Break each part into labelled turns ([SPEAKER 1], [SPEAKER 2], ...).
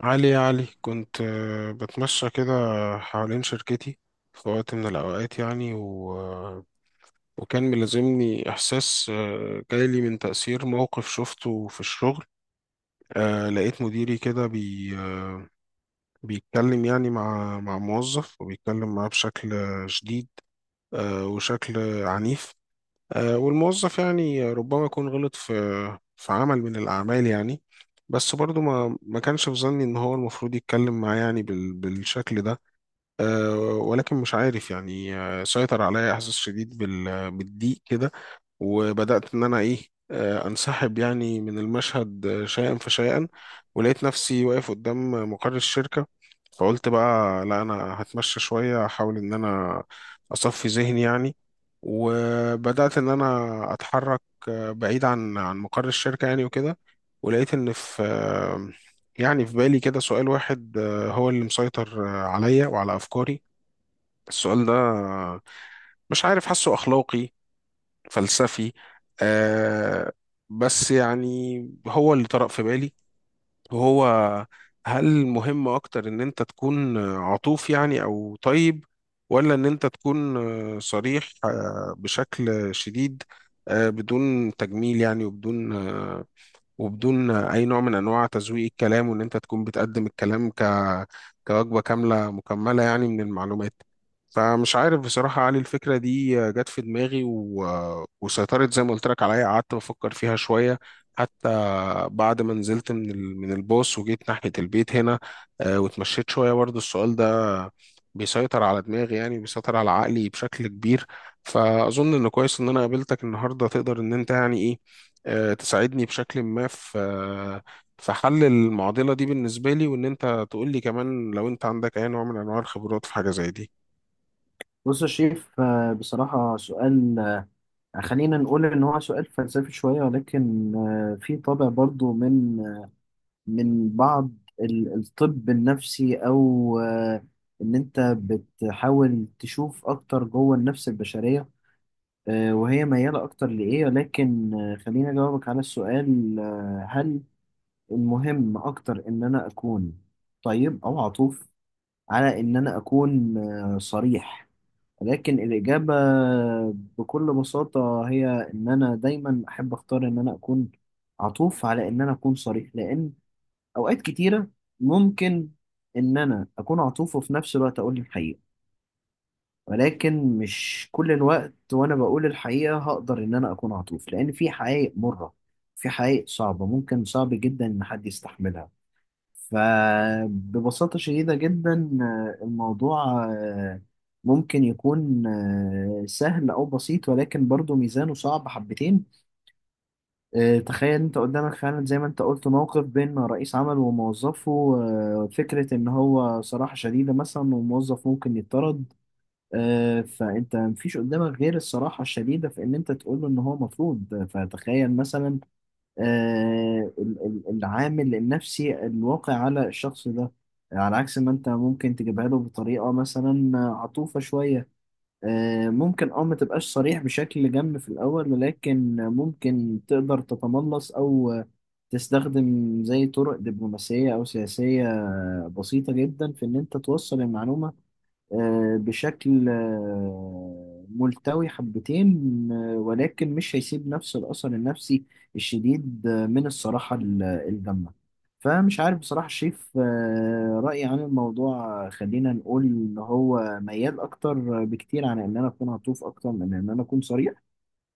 [SPEAKER 1] علي يا علي كنت بتمشى كده حوالين شركتي في وقت من الأوقات يعني و... آه، وكان ملازمني إحساس جايلي من تأثير موقف شفته في الشغل. لقيت مديري كده بي... آه، بيتكلم يعني مع موظف وبيتكلم معاه بشكل شديد، وشكل عنيف. والموظف يعني ربما يكون غلط في عمل من الأعمال، يعني بس برضو ما كانش في ظني إن هو المفروض يتكلم معاه يعني بالشكل ده. ولكن مش عارف يعني، سيطر عليا إحساس شديد بالضيق كده، وبدأت إن أنا إيه، أنسحب يعني من المشهد شيئا فشيئا، ولقيت نفسي واقف قدام مقر الشركة. فقلت بقى لا أنا هتمشى شوية، أحاول إن أنا أصفي ذهني يعني. وبدأت إن أنا أتحرك بعيد عن مقر الشركة يعني وكده. ولقيت إن في آه، يعني في بالي كده سؤال واحد هو اللي مسيطر عليا وعلى أفكاري. السؤال ده مش عارف، حاسه أخلاقي فلسفي، آه بس يعني هو اللي طرأ في بالي، وهو هل مهم أكتر إن أنت تكون عطوف يعني أو طيب، ولا إن أنت تكون صريح بشكل شديد، بدون تجميل يعني وبدون اي نوع من انواع تزويق الكلام، وان انت تكون بتقدم الكلام ك كوجبه كامله مكمله يعني من المعلومات. فمش عارف بصراحه يا علي، الفكره دي جت في دماغي و... وسيطرت زي ما قلت لك عليا. قعدت بفكر فيها شويه، حتى بعد ما نزلت من من الباص وجيت ناحيه البيت هنا. واتمشيت شويه، برضو السؤال ده بيسيطر على دماغي، يعني بيسيطر على عقلي بشكل كبير. فاظن انه كويس ان انا قابلتك النهارده، تقدر ان انت يعني ايه، تساعدني بشكل ما في حل المعضلة دي بالنسبة لي، وإن أنت تقول لي كمان لو أنت عندك أي نوع من أنواع الخبرات في حاجة زي دي.
[SPEAKER 2] بص يا شريف، بصراحة سؤال خلينا نقول إن هو سؤال فلسفي شوية، ولكن في طابع برضو من بعض الطب النفسي، أو إن أنت بتحاول تشوف أكتر جوه النفس البشرية وهي ميالة أكتر لإيه. ولكن خليني أجاوبك على السؤال. هل المهم أكتر إن أنا أكون طيب أو عطوف على إن أنا أكون صريح؟ لكن الإجابة بكل بساطة هي إن أنا دايما أحب أختار إن أنا أكون عطوف على إن أنا أكون صريح، لأن أوقات كتيرة ممكن إن أنا أكون عطوف وفي نفس الوقت أقول الحقيقة، ولكن مش كل الوقت وأنا بقول الحقيقة هقدر إن أنا أكون عطوف، لأن في حقائق مرة، في حقائق صعبة ممكن صعب جدا إن حد يستحملها. فببساطة شديدة جدا الموضوع ممكن يكون سهل أو بسيط، ولكن برضه ميزانه صعب حبتين. تخيل أنت قدامك فعلا، زي ما أنت قلت، موقف بين رئيس عمل وموظفه. فكرة إن هو صراحة شديدة مثلا، وموظف ممكن يطرد، فأنت مفيش قدامك غير الصراحة الشديدة في إن أنت تقول له إن هو مطرود. فتخيل مثلا العامل النفسي الواقع على الشخص ده، على عكس ما انت ممكن تجيبها له بطريقة مثلا عطوفة شوية. ممكن ما تبقاش صريح بشكل جم في الأول، ولكن ممكن تقدر تتملص أو تستخدم زي طرق دبلوماسية أو سياسية بسيطة جدا في إن أنت توصل المعلومة بشكل ملتوي حبتين، ولكن مش هيسيب نفس الأثر النفسي الشديد من الصراحة الجامة. فمش عارف بصراحة، شايف رأيي عن الموضوع خلينا نقول إن هو ميال أكتر بكتير عن إن أنا أكون هطوف أكتر من إن أنا أكون صريح.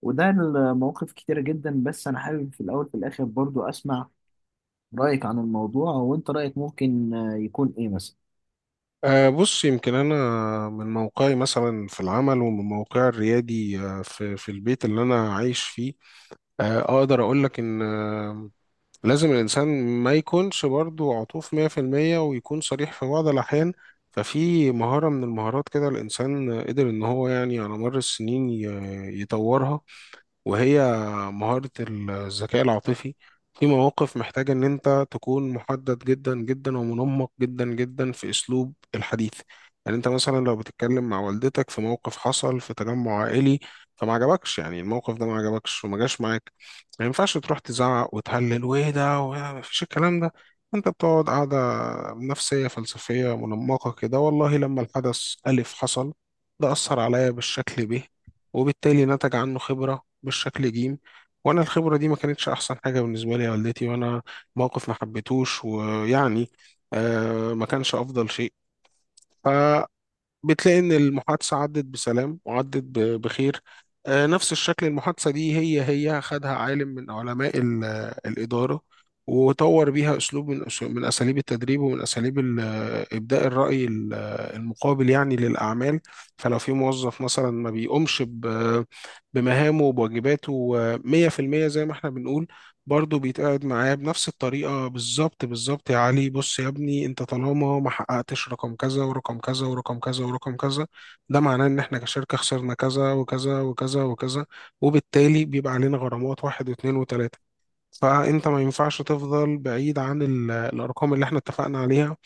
[SPEAKER 2] وده المواقف كتيرة جدا، بس أنا حابب في الأول في الآخر برضو أسمع رأيك عن الموضوع. وأنت رأيك ممكن يكون إيه مثلا؟
[SPEAKER 1] بص يمكن أنا من موقعي مثلا في العمل، ومن موقعي الريادي في البيت اللي أنا عايش فيه، أقدر أقول لك إن، لازم الإنسان ما يكونش برضو عطوف 100%، ويكون صريح في بعض الأحيان. ففي مهارة من المهارات كده الإنسان قدر إن هو يعني على مر السنين يطورها، وهي مهارة الذكاء العاطفي. في مواقف محتاجة إن أنت تكون محدد جدا جدا ومنمق جدا جدا في أسلوب الحديث. يعني أنت مثلا لو بتتكلم مع والدتك في موقف حصل في تجمع عائلي فما عجبكش، يعني الموقف ده ما عجبكش وما جاش معاك، ما ينفعش تروح تزعق وتهلل وإيه ده وما فيش الكلام ده. أنت بتقعد قاعدة نفسية فلسفية منمقة كده، والله لما الحدث ألف حصل ده أثر عليا بالشكل ب، وبالتالي نتج عنه خبرة بالشكل جيم، وأنا الخبرة دي ما كانتش أحسن حاجة بالنسبة لي يا والدتي. وأنا موقف ما حبيتهوش، ويعني آه ما كانش أفضل شيء. ف بتلاقي إن المحادثة عدت بسلام وعدت بخير. نفس الشكل المحادثة دي هي هي خدها عالم من علماء الإدارة، وطور بيها أسلوب من أساليب التدريب، ومن أساليب إبداء الرأي المقابل يعني للأعمال. فلو في موظف مثلا ما بيقومش بمهامه وبواجباته 100% زي ما احنا بنقول، برضه بيتقعد معاه بنفس الطريقة بالظبط بالظبط. يا علي بص يا ابني، انت طالما ما حققتش رقم كذا ورقم كذا ورقم كذا ورقم كذا، ده معناه ان احنا كشركة خسرنا كذا وكذا وكذا وكذا، وبالتالي بيبقى علينا غرامات واحد واثنين وثلاثة. فانت ما ينفعش تفضل بعيد عن الارقام اللي احنا اتفقنا عليها،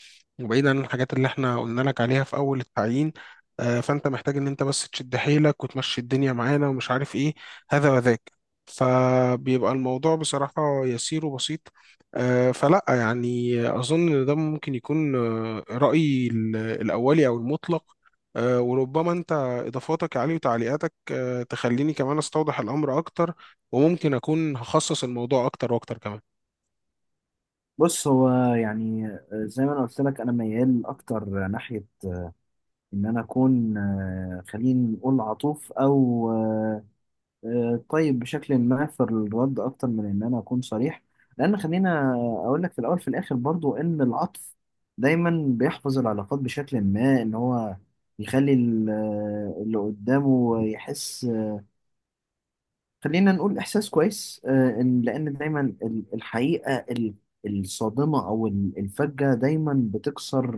[SPEAKER 1] وبعيد عن الحاجات اللي احنا قلنا لك عليها في اول التعيين. فانت محتاج ان انت بس تشد حيلك وتمشي الدنيا معانا ومش عارف ايه، هذا وذاك. فبيبقى الموضوع بصراحة يسير وبسيط. فلا يعني اظن ان ده ممكن يكون رأيي الاولي او المطلق. وربما انت اضافاتك عليه وتعليقاتك تخليني كمان استوضح الامر اكتر، وممكن اكون هخصص الموضوع اكتر واكتر كمان.
[SPEAKER 2] بص هو يعني زي ما انا قلت لك، انا ميال اكتر ناحيه ان انا اكون خلينا نقول عطوف، او طيب بشكل ما في الرد، اكتر من ان انا اكون صريح. لان خلينا اقول لك في الاول في الاخر برضو، ان العطف دايما بيحفظ العلاقات بشكل ما، ان هو يخلي اللي قدامه يحس، خلينا نقول، إحساس كويس. إن لأن دايما الحقيقة الصادمة أو الفجة دايما بتكسر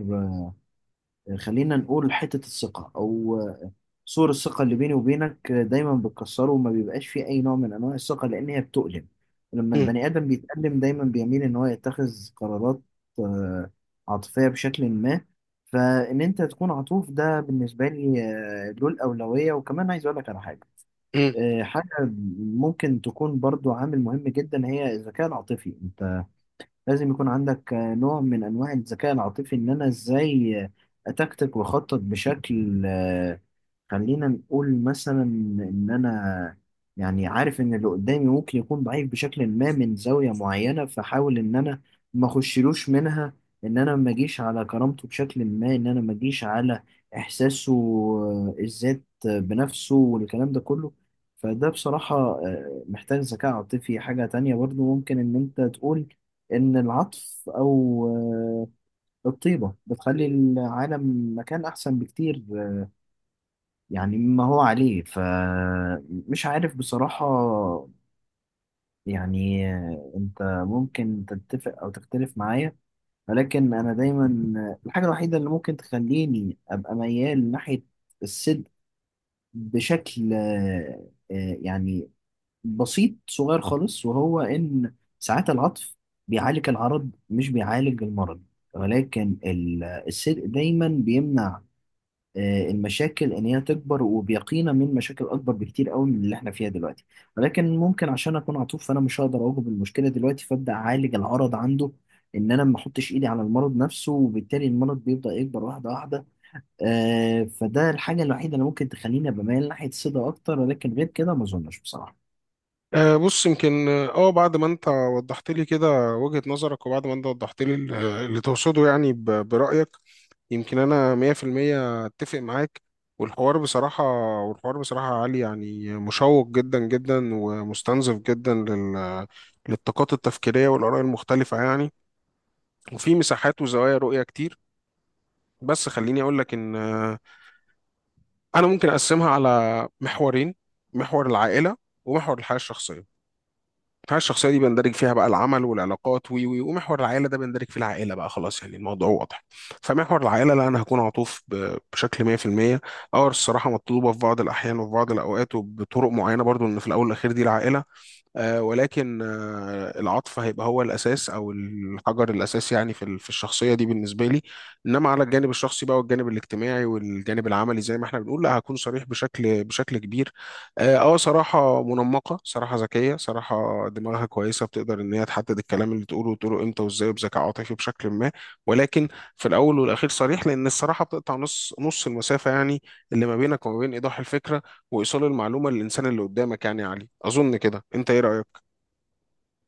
[SPEAKER 2] خلينا نقول حتة الثقة أو سور الثقة اللي بيني وبينك. دايما بتكسره وما بيبقاش فيه أي نوع من أنواع الثقة، لأن هي بتؤلم. لما
[SPEAKER 1] مم.
[SPEAKER 2] البني آدم بيتألم دايما بيميل إن هو يتخذ قرارات آه، عاطفية بشكل ما. فإن أنت تكون عطوف، ده بالنسبة لي له الأولوية. وكمان عايز أقول لك على حاجة،
[SPEAKER 1] مم.
[SPEAKER 2] حاجة ممكن تكون برضو عامل مهم جدا، هي الذكاء العاطفي. انت لازم يكون عندك نوع من انواع الذكاء العاطفي، ان انا ازاي اتكتك واخطط بشكل خلينا نقول مثلا ان انا يعني عارف ان اللي قدامي ممكن يكون ضعيف بشكل ما من زاوية معينة، فحاول ان انا ما اخشلوش منها، ان انا ما اجيش على كرامته بشكل ما، ان انا ما اجيش على احساسه الذات بنفسه والكلام ده كله. فده بصراحة محتاج ذكاء عاطفي. حاجة تانية برضو ممكن ان انت تقول إن العطف أو الطيبة بتخلي العالم مكان أحسن بكتير يعني مما هو عليه. فمش عارف بصراحة، يعني أنت ممكن تتفق أو تختلف معايا، ولكن أنا دايما الحاجة الوحيدة اللي ممكن تخليني أبقى ميال ناحية الصدق بشكل يعني بسيط صغير خالص، وهو إن ساعات العطف بيعالج العرض مش بيعالج المرض، ولكن الصدق دايما بيمنع المشاكل إن هي تكبر، وبيقينا من مشاكل أكبر بكتير قوي من اللي إحنا فيها دلوقتي. ولكن ممكن عشان أكون عطوف، فأنا مش هقدر أواجه المشكلة دلوقتي، فأبدأ أعالج العرض عنده، إن أنا ما أحطش إيدي على المرض نفسه، وبالتالي المرض بيبدأ يكبر واحدة واحدة. فده الحاجة الوحيدة اللي ممكن تخليني بميل ناحية الصدق أكتر، ولكن غير كده ما أظنش بصراحة.
[SPEAKER 1] بص يمكن اه أه، بعد ما انت وضحت لي كده وجهة نظرك، وبعد ما انت وضحت لي اللي تقصده يعني برأيك، يمكن انا 100% اتفق معاك. والحوار بصراحة، والحوار بصراحة عالي، يعني مشوق جدا جدا ومستنزف جدا للطاقات التفكيرية والآراء المختلفة يعني، وفي مساحات وزوايا رؤية كتير. بس خليني أقول لك إن انا ممكن اقسمها على محورين: محور العائله، ومحور الحياه الشخصيه. الحياه الشخصيه دي بندرج فيها بقى العمل والعلاقات وي وي ومحور العائله ده بندرج فيه العائله بقى، خلاص يعني الموضوع واضح. فمحور العائله لا، انا هكون عطوف بشكل 100%. اه الصراحه مطلوبه في بعض الاحيان وفي بعض الاوقات وبطرق معينه برضو، ان في الاول والاخير دي العائله. ولكن العطف هيبقى هو الأساس أو الحجر الأساسي يعني في في الشخصية دي بالنسبة لي. إنما على الجانب الشخصي بقى والجانب الاجتماعي والجانب العملي زي ما احنا بنقول، لا هكون صريح بشكل كبير. صراحة منمقة، صراحة ذكية، صراحة دماغها كويسة، بتقدر إن هي تحدد الكلام اللي تقوله، وتقوله إمتى وإزاي وبذكاء عاطفي بشكل ما. ولكن في الأول والأخير صريح، لأن الصراحة بتقطع نص نص المسافة يعني، اللي ما بينك وما بين إيضاح الفكرة وايصال المعلومه للانسان اللي قدامك. يعني يا علي اظن كده، انت ايه رايك؟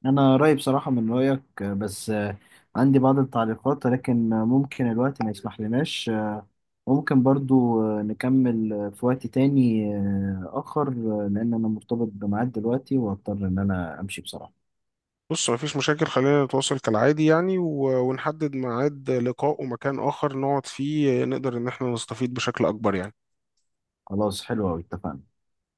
[SPEAKER 2] انا رايي بصراحه من رايك، بس عندي بعض التعليقات، ولكن ممكن الوقت ما يسمح لناش. ممكن برضو نكمل في وقت تاني اخر، لان انا مرتبط بميعاد دلوقتي واضطر ان انا امشي بصراحه.
[SPEAKER 1] بص مفيش مشاكل، خلينا نتواصل كالعادي يعني، ونحدد ميعاد لقاء ومكان اخر نقعد فيه نقدر ان احنا نستفيد بشكل اكبر يعني.
[SPEAKER 2] خلاص، حلو أوي، اتفقنا.